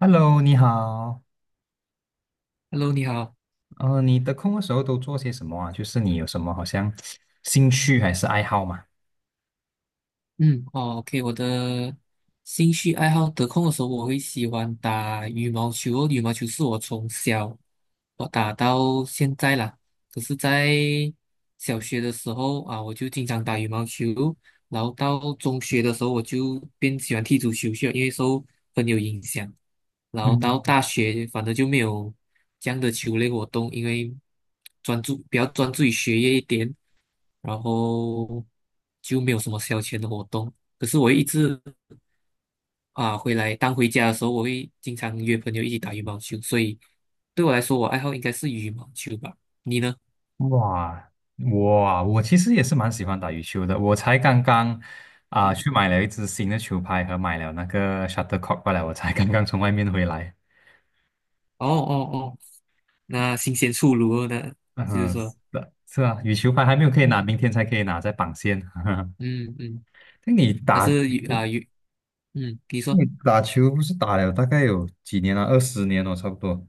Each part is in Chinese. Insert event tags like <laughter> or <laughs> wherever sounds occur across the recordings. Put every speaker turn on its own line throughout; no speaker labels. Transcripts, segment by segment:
Hello，你好。
Hello，你好。
你的空的时候都做些什么啊？就是你有什么好像兴趣还是爱好吗？
嗯，哦，OK，我的兴趣爱好得空的时候，我会喜欢打羽毛球哦。羽毛球是我从小打到现在啦。可是，在小学的时候啊，我就经常打羽毛球。然后到中学的时候，我就变喜欢踢足球去了，因为受朋友影响。然后到
嗯，
大学，反正就没有这样的球类活动，因为比较专注于学业一点，然后就没有什么消遣的活动。可是我一直啊回来，当回家的时候，我会经常约朋友一起打羽毛球，所以对我来说，我爱好应该是羽毛球吧。你呢？
哇，哇，我其实也是蛮喜欢打羽球的。我才刚刚
嗯，
去买了一支新的球拍和买了那个 shuttlecock 过来，我才刚刚从外面回来。
哦哦哦，那新鲜出炉了呢。就是
嗯，
说，
是的，是啊，羽球拍还没有可以拿，
嗯
明天才可以拿，在绑线。<laughs>
嗯嗯。
那你
但
打
是有
球，
啊有，嗯，你说
你打球不是打了大概有几年了？20年了，差不多。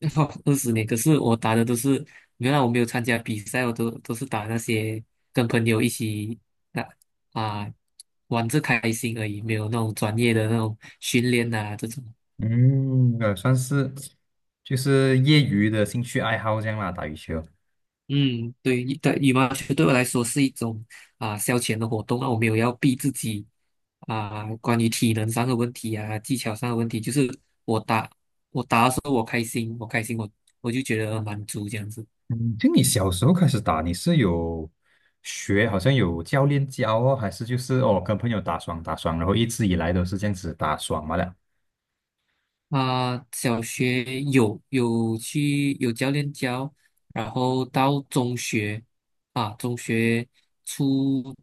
<laughs> 20年，可是我打的都是，原来我没有参加比赛，我都是打那些跟朋友一起打啊，玩着开心而已，没有那种专业的那种训练啊这种。
嗯，算是就是业余的兴趣爱好这样啦，打羽球。
嗯，对，对，羽毛球对我来说是一种啊消遣的活动啊，我没有要逼自己啊，关于体能上的问题啊，技巧上的问题，就是我打我打的时候我开心，我开心我就觉得满足这样子。
嗯，就你小时候开始打，你是有学，好像有教练教哦，还是就是哦跟朋友打双，然后一直以来都是这样子打双嘛了。
小学有去有教练教，然后到中学初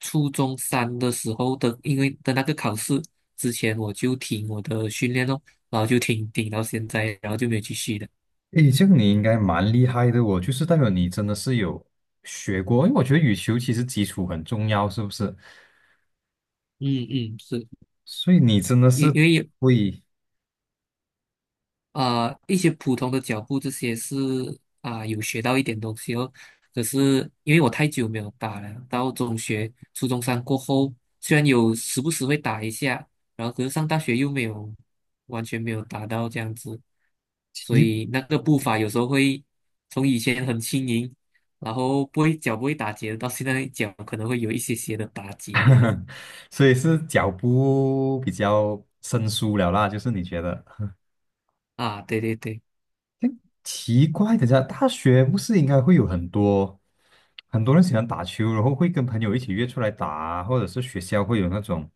初中三的时候的，因为的那个考试之前我就停我的训练咯，然后就停到现在，然后就没有继续的。
诶，这个你应该蛮厉害的哦，就是代表你真的是有学过，因为我觉得羽球其实基础很重要，是不是？
嗯嗯，是
所以你真的
因
是
因为
会
一些普通的脚步这些是有学到一点东西哦。可是因为我太久没有打了，到中学、初中三过后，虽然有时不时会打一下，然后可是上大学又没有完全没有打到这样子，所
基
以那个步伐有时候会从以前很轻盈，然后不会脚不会打结，到现在脚可能会有一些些的打结这样子
本，<laughs> 所以是脚步比较生疏了啦，就是你觉得？
啊。对对对，
奇怪的家，大学不是应该会有很多很多人喜欢打球，然后会跟朋友一起约出来打啊或者是学校会有那种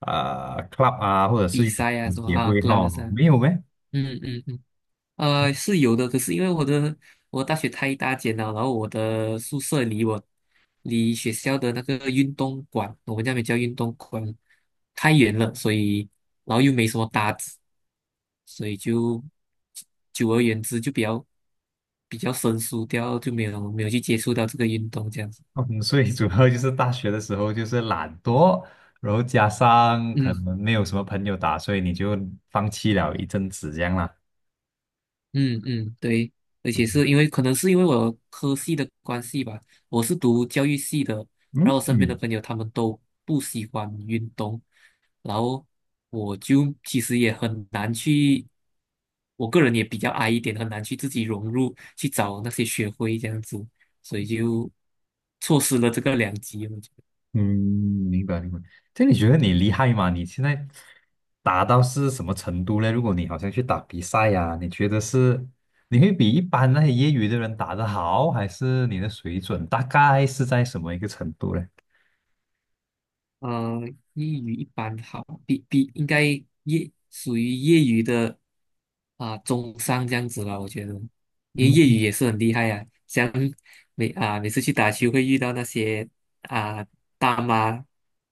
club 啊，或者是
比
羽
赛啊
球
什么
协
啊
会
，club
哈，
啊，
没有咩？
嗯嗯嗯。是有的，可是因为我大学太大间了，然后我的宿舍离学校的那个运动馆，我们那边叫运动馆，太远了，所以然后又没什么搭子，所以就久而言之就比较生疏掉，就没有去接触到这个运动这样子。
<laughs> 嗯，所以主要就是大学的时候就是懒惰，然后加上可
嗯。
能没有什么朋友打，所以你就放弃了一阵子这样啦。
嗯嗯，对，而且是因为可能是因为我科系的关系吧，我是读教育系的，
嗯
然后我身边的
嗯。
朋友他们都不喜欢运动，然后我就其实也很难去，我个人也比较矮一点，很难去自己融入，去找那些学会这样子，所以就错失了这个良机。
嗯，明白明白。这你觉得你厉害吗？你现在打到是什么程度呢？如果你好像去打比赛呀、你觉得是你会比一般那些业余的人打得好，还是你的水准大概是在什么一个程度呢？
嗯、呃，业余一般好，比应该属于业余的中上这样子吧，我觉得，因为业余
嗯，
也是很厉害啊，像每次去打球会遇到那些啊、大妈、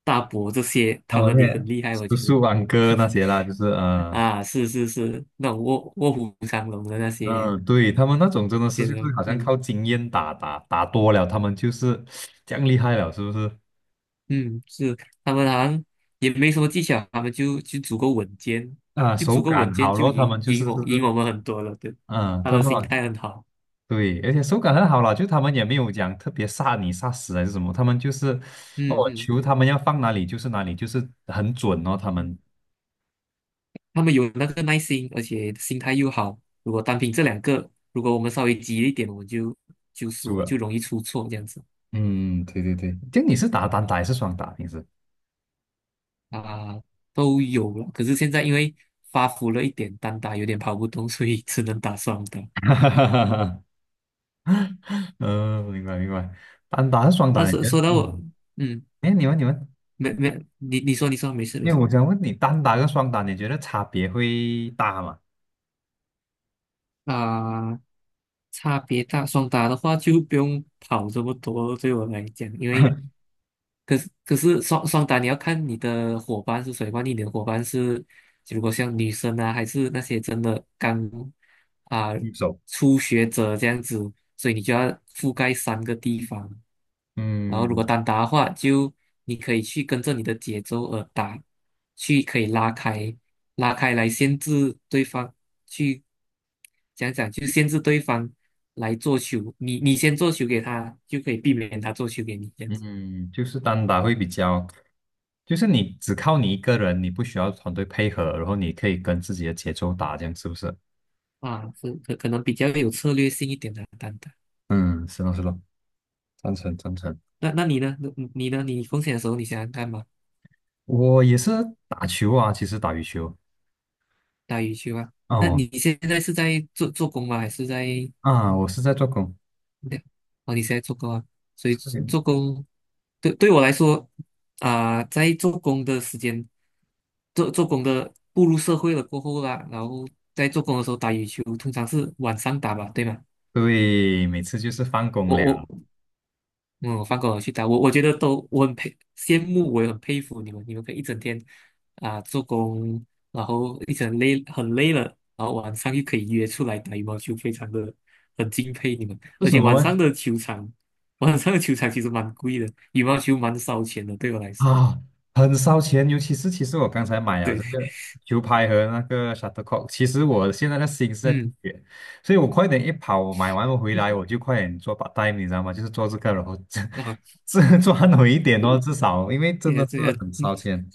大伯这些，
那
他们
我
也很
也
厉害，我
叔
觉得
叔、安哥那些啦，就是嗯
啊，是是是，那种卧虎藏龙的那些，
嗯，对，他们那种真的是
些
就
人，
是好像
嗯。
靠经验打多了，他们就是这样厉害了，是不是？
嗯，是他们好像也没什么技巧，他们就足够稳健，
啊，
就
手
足够稳
感
健
好
就
咯，他们
赢
就是
赢我
是不
赢
是，
我们很多了，对，
嗯，
他
他
们
们
心
好。
态很好。
对，而且手感很好啦，就他们也没有讲特别杀你杀死还是什么，他们就是哦
嗯嗯，
球他们要放哪里就是哪里，就是很准哦，他
嗯
们
他们有那个耐心，而且心态又好。如果单凭这两个，如果我们稍微急一点，我们就
出
输了，就
了。
容易出错这样子。
嗯，对对对，就你是打单打还是双打平时？
啊，都有了。可是现在因为发福了一点，单打有点跑不动，所以 <laughs> 只能打双打。
<laughs> 哈哈哈哈 <laughs> 嗯，明白明白，单打还是双
那
打，你
说
觉
说
得？
到我，
嗯，
嗯，
哎，你们，
没没，你说你说，没事没
因为
事。
我想问你，单打跟双打，你觉得差别会大吗？
啊、差别大，双打的话就不用跑这么多了对我来讲，因为
<laughs>
可是双打你要看你的伙伴是谁，万一你的伙伴是，如果像女生啊，还是那些真的啊、
对手。
初学者这样子，所以你就要覆盖三个地方。然后如
嗯。
果单打的话，就你可以去跟着你的节奏而打，去可以拉开来限制对方，去讲讲就限制对方来做球，你先做球给他，就可以避免他做球给你这样子。
嗯，就是单打会比较，就是你只靠你一个人，你不需要团队配合，然后你可以跟自己的节奏打，这样是不是？
是可能比较有策略性一点的单打。
嗯，是咯是咯，赞成赞成。
那你呢？你呢？你空闲的时候你想想看嘛，
我也是打球啊，其实打羽球。
打羽球啊？那
哦
你现在是在做工吗？还是在？
啊，我是在做工。
对，哦，你现在做工啊？所以
这个
做工对我来说在做工的时间，做工的步入社会了过后啦，然后在做工的时候打羽球，通常是晚上打吧，对吗？
对，每次就是放工
我
了。
我嗯，我放过我去打，我觉得都我很羡慕，我也很佩服你们，你们可以一整天做工，然后一整累很累了，然后晚上又可以约出来打羽毛球，非常的很敬佩你们。
是
而
什
且晚
么呢？
上的球场，<laughs> 晚上的球场其实蛮贵的，羽毛球蛮烧钱的，对我来说。
啊，很烧钱，尤其是其实我刚才买了
对，
这个球拍和那个 shuttlecock，其实我现在的心是在滴
嗯，
血，所以我快点一跑，我买完回来我
<laughs>
就快点做把 a 你知道吗？就是做这个，然后这
那好，
这 <laughs> 赚回一点哦，至少因为
谢
真的
谢
是
这样，
很
嗯，
烧钱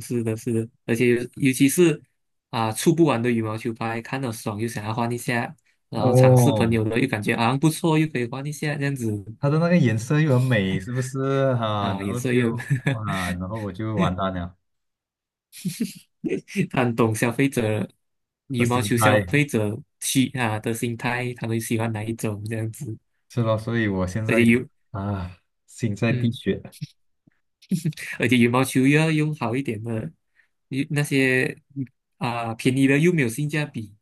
是的，是的，而且尤其是啊，出不完的羽毛球拍，看到爽又想要换一下，然后尝试朋
哦。
友的又感觉啊不错，又可以换一下这样子。
它的那个颜色又很美，是不是哈？
啊，
然
也
后
是又
就然后我就完蛋了，
<laughs> 很懂消费者
这
羽毛
心
球消
态
费者需啊的心态，他们喜欢哪一种这样子，
是咯，所以我现
而
在
且
有
有
啊心在滴
嗯，
血，
而且羽毛球又要用好一点的，那些啊便宜的又没有性价比，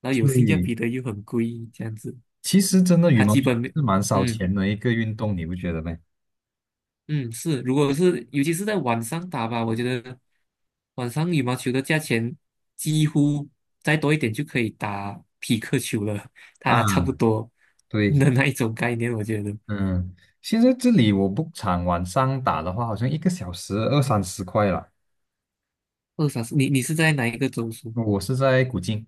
然后有
所
性价
以。
比的又很贵，这样子，
其实真的羽
他
毛
基
球
本没
是蛮烧
嗯。
钱的一个运动，你不觉得吗？
嗯。是，如果是尤其是在晚上打吧，我觉得晚上羽毛球的价钱几乎再多一点就可以打匹克球了，
啊，
它差不多
对，
的那一种概念，我觉得
嗯，现在这里我 b o 场晚上打的话，好像1个小时二三十块了。
二三十，你是在哪一个中枢？
我是在古晋，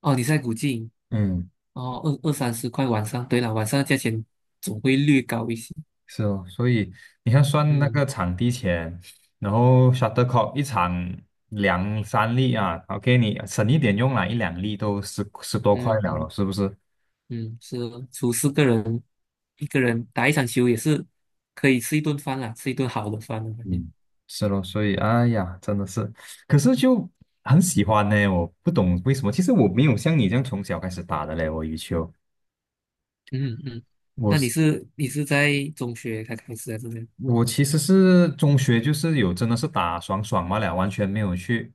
哦，你是在古晋，
嗯，
哦，二三十块晚上，对了，晚上的价钱总会略高一些，
是哦，所以你看算那
嗯
个场地钱，然后 shuttlecock 一场两三粒啊，OK，你省一点用啦，一两粒都十多块
嗯
了，
嗯
是不是？
嗯，是哦，除四个人，一个人打一场球也是可以吃一顿饭啦，吃一顿好的饭的感觉。
嗯，是咯，所以哎呀，真的是，可是就很喜欢呢，我不懂为什么。其实我没有像你这样从小开始打的嘞，我羽球，
嗯嗯，那你是在中学才开始还是怎样？
我其实是中学就是有真的是打爽爽嘛了，完全没有去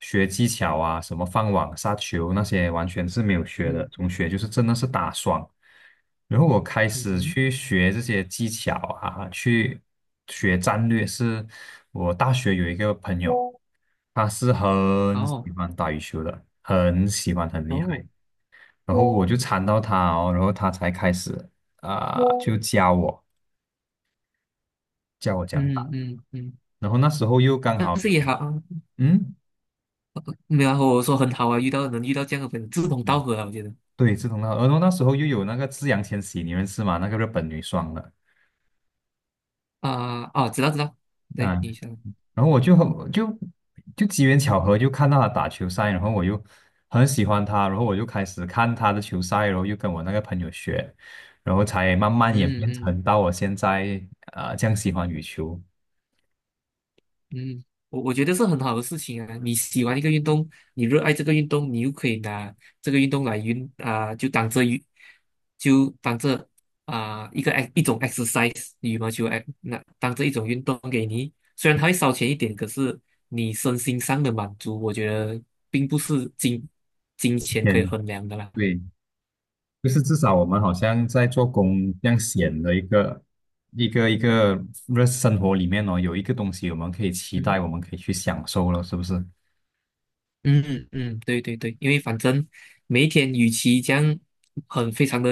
学技巧啊，什么放网、杀球那些完全是没有学的。
嗯
中学就是真的是打爽，然后我开始
嗯，
去学这些技巧啊，去学战略。是我大学有一个朋友，他是很喜
哦
欢打羽球的，很喜欢，很厉害。
哦，
然后我就缠到他哦，然后他才开始啊、就教我，教我讲。
嗯嗯嗯，
然后那时候又刚
但
好
是
有，
也好，
嗯，
没有啊我说很好啊，遇到能遇到这样的朋友，志同道
嗯
合啊，我觉得
对，志同道合。然后那时候又有那个志扬千玺，你认识吗？那个日本女双的
啊，知道知道，
啊。
对，你想，
然后我就很就就机缘巧合就看到她打球赛，然后我就很喜欢他，然后我就开始看他的球赛，然后又跟我那个朋友学，然后才慢慢演
嗯
变
嗯。
成到我现在这样喜欢羽球。
嗯，我觉得是很好的事情啊！你喜欢一个运动，你热爱这个运动，你又可以拿这个运动来运啊、就当这运，就当这一个 e 一种 exercise，羽毛球 那当这一种运动给你，虽然它会烧钱一点，可是你身心上的满足，我觉得并不是金钱可以
嗯，
衡量的啦。
对，就是至少我们好像在做工这样闲的一个一个一个日生活里面哦，有一个东西我们可以期
嗯。
待，我们可以去享受了，是不是？
嗯嗯，对对对，因为反正每一天与其这样很非常的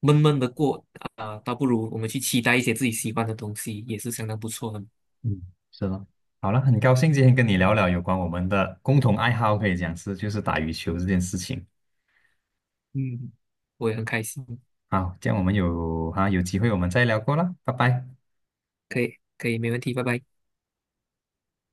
闷闷的过倒不如我们去期待一些自己喜欢的东西，也是相当不错的。
嗯，是的。好了，很高兴今天跟你
嗯
聊聊有关我们的共同爱好，可以讲是就是打羽球这件事情。
嗯，我也很开心，
好，这样我们有机会我们再聊过啦，拜拜。
可以可以，没问题，拜拜。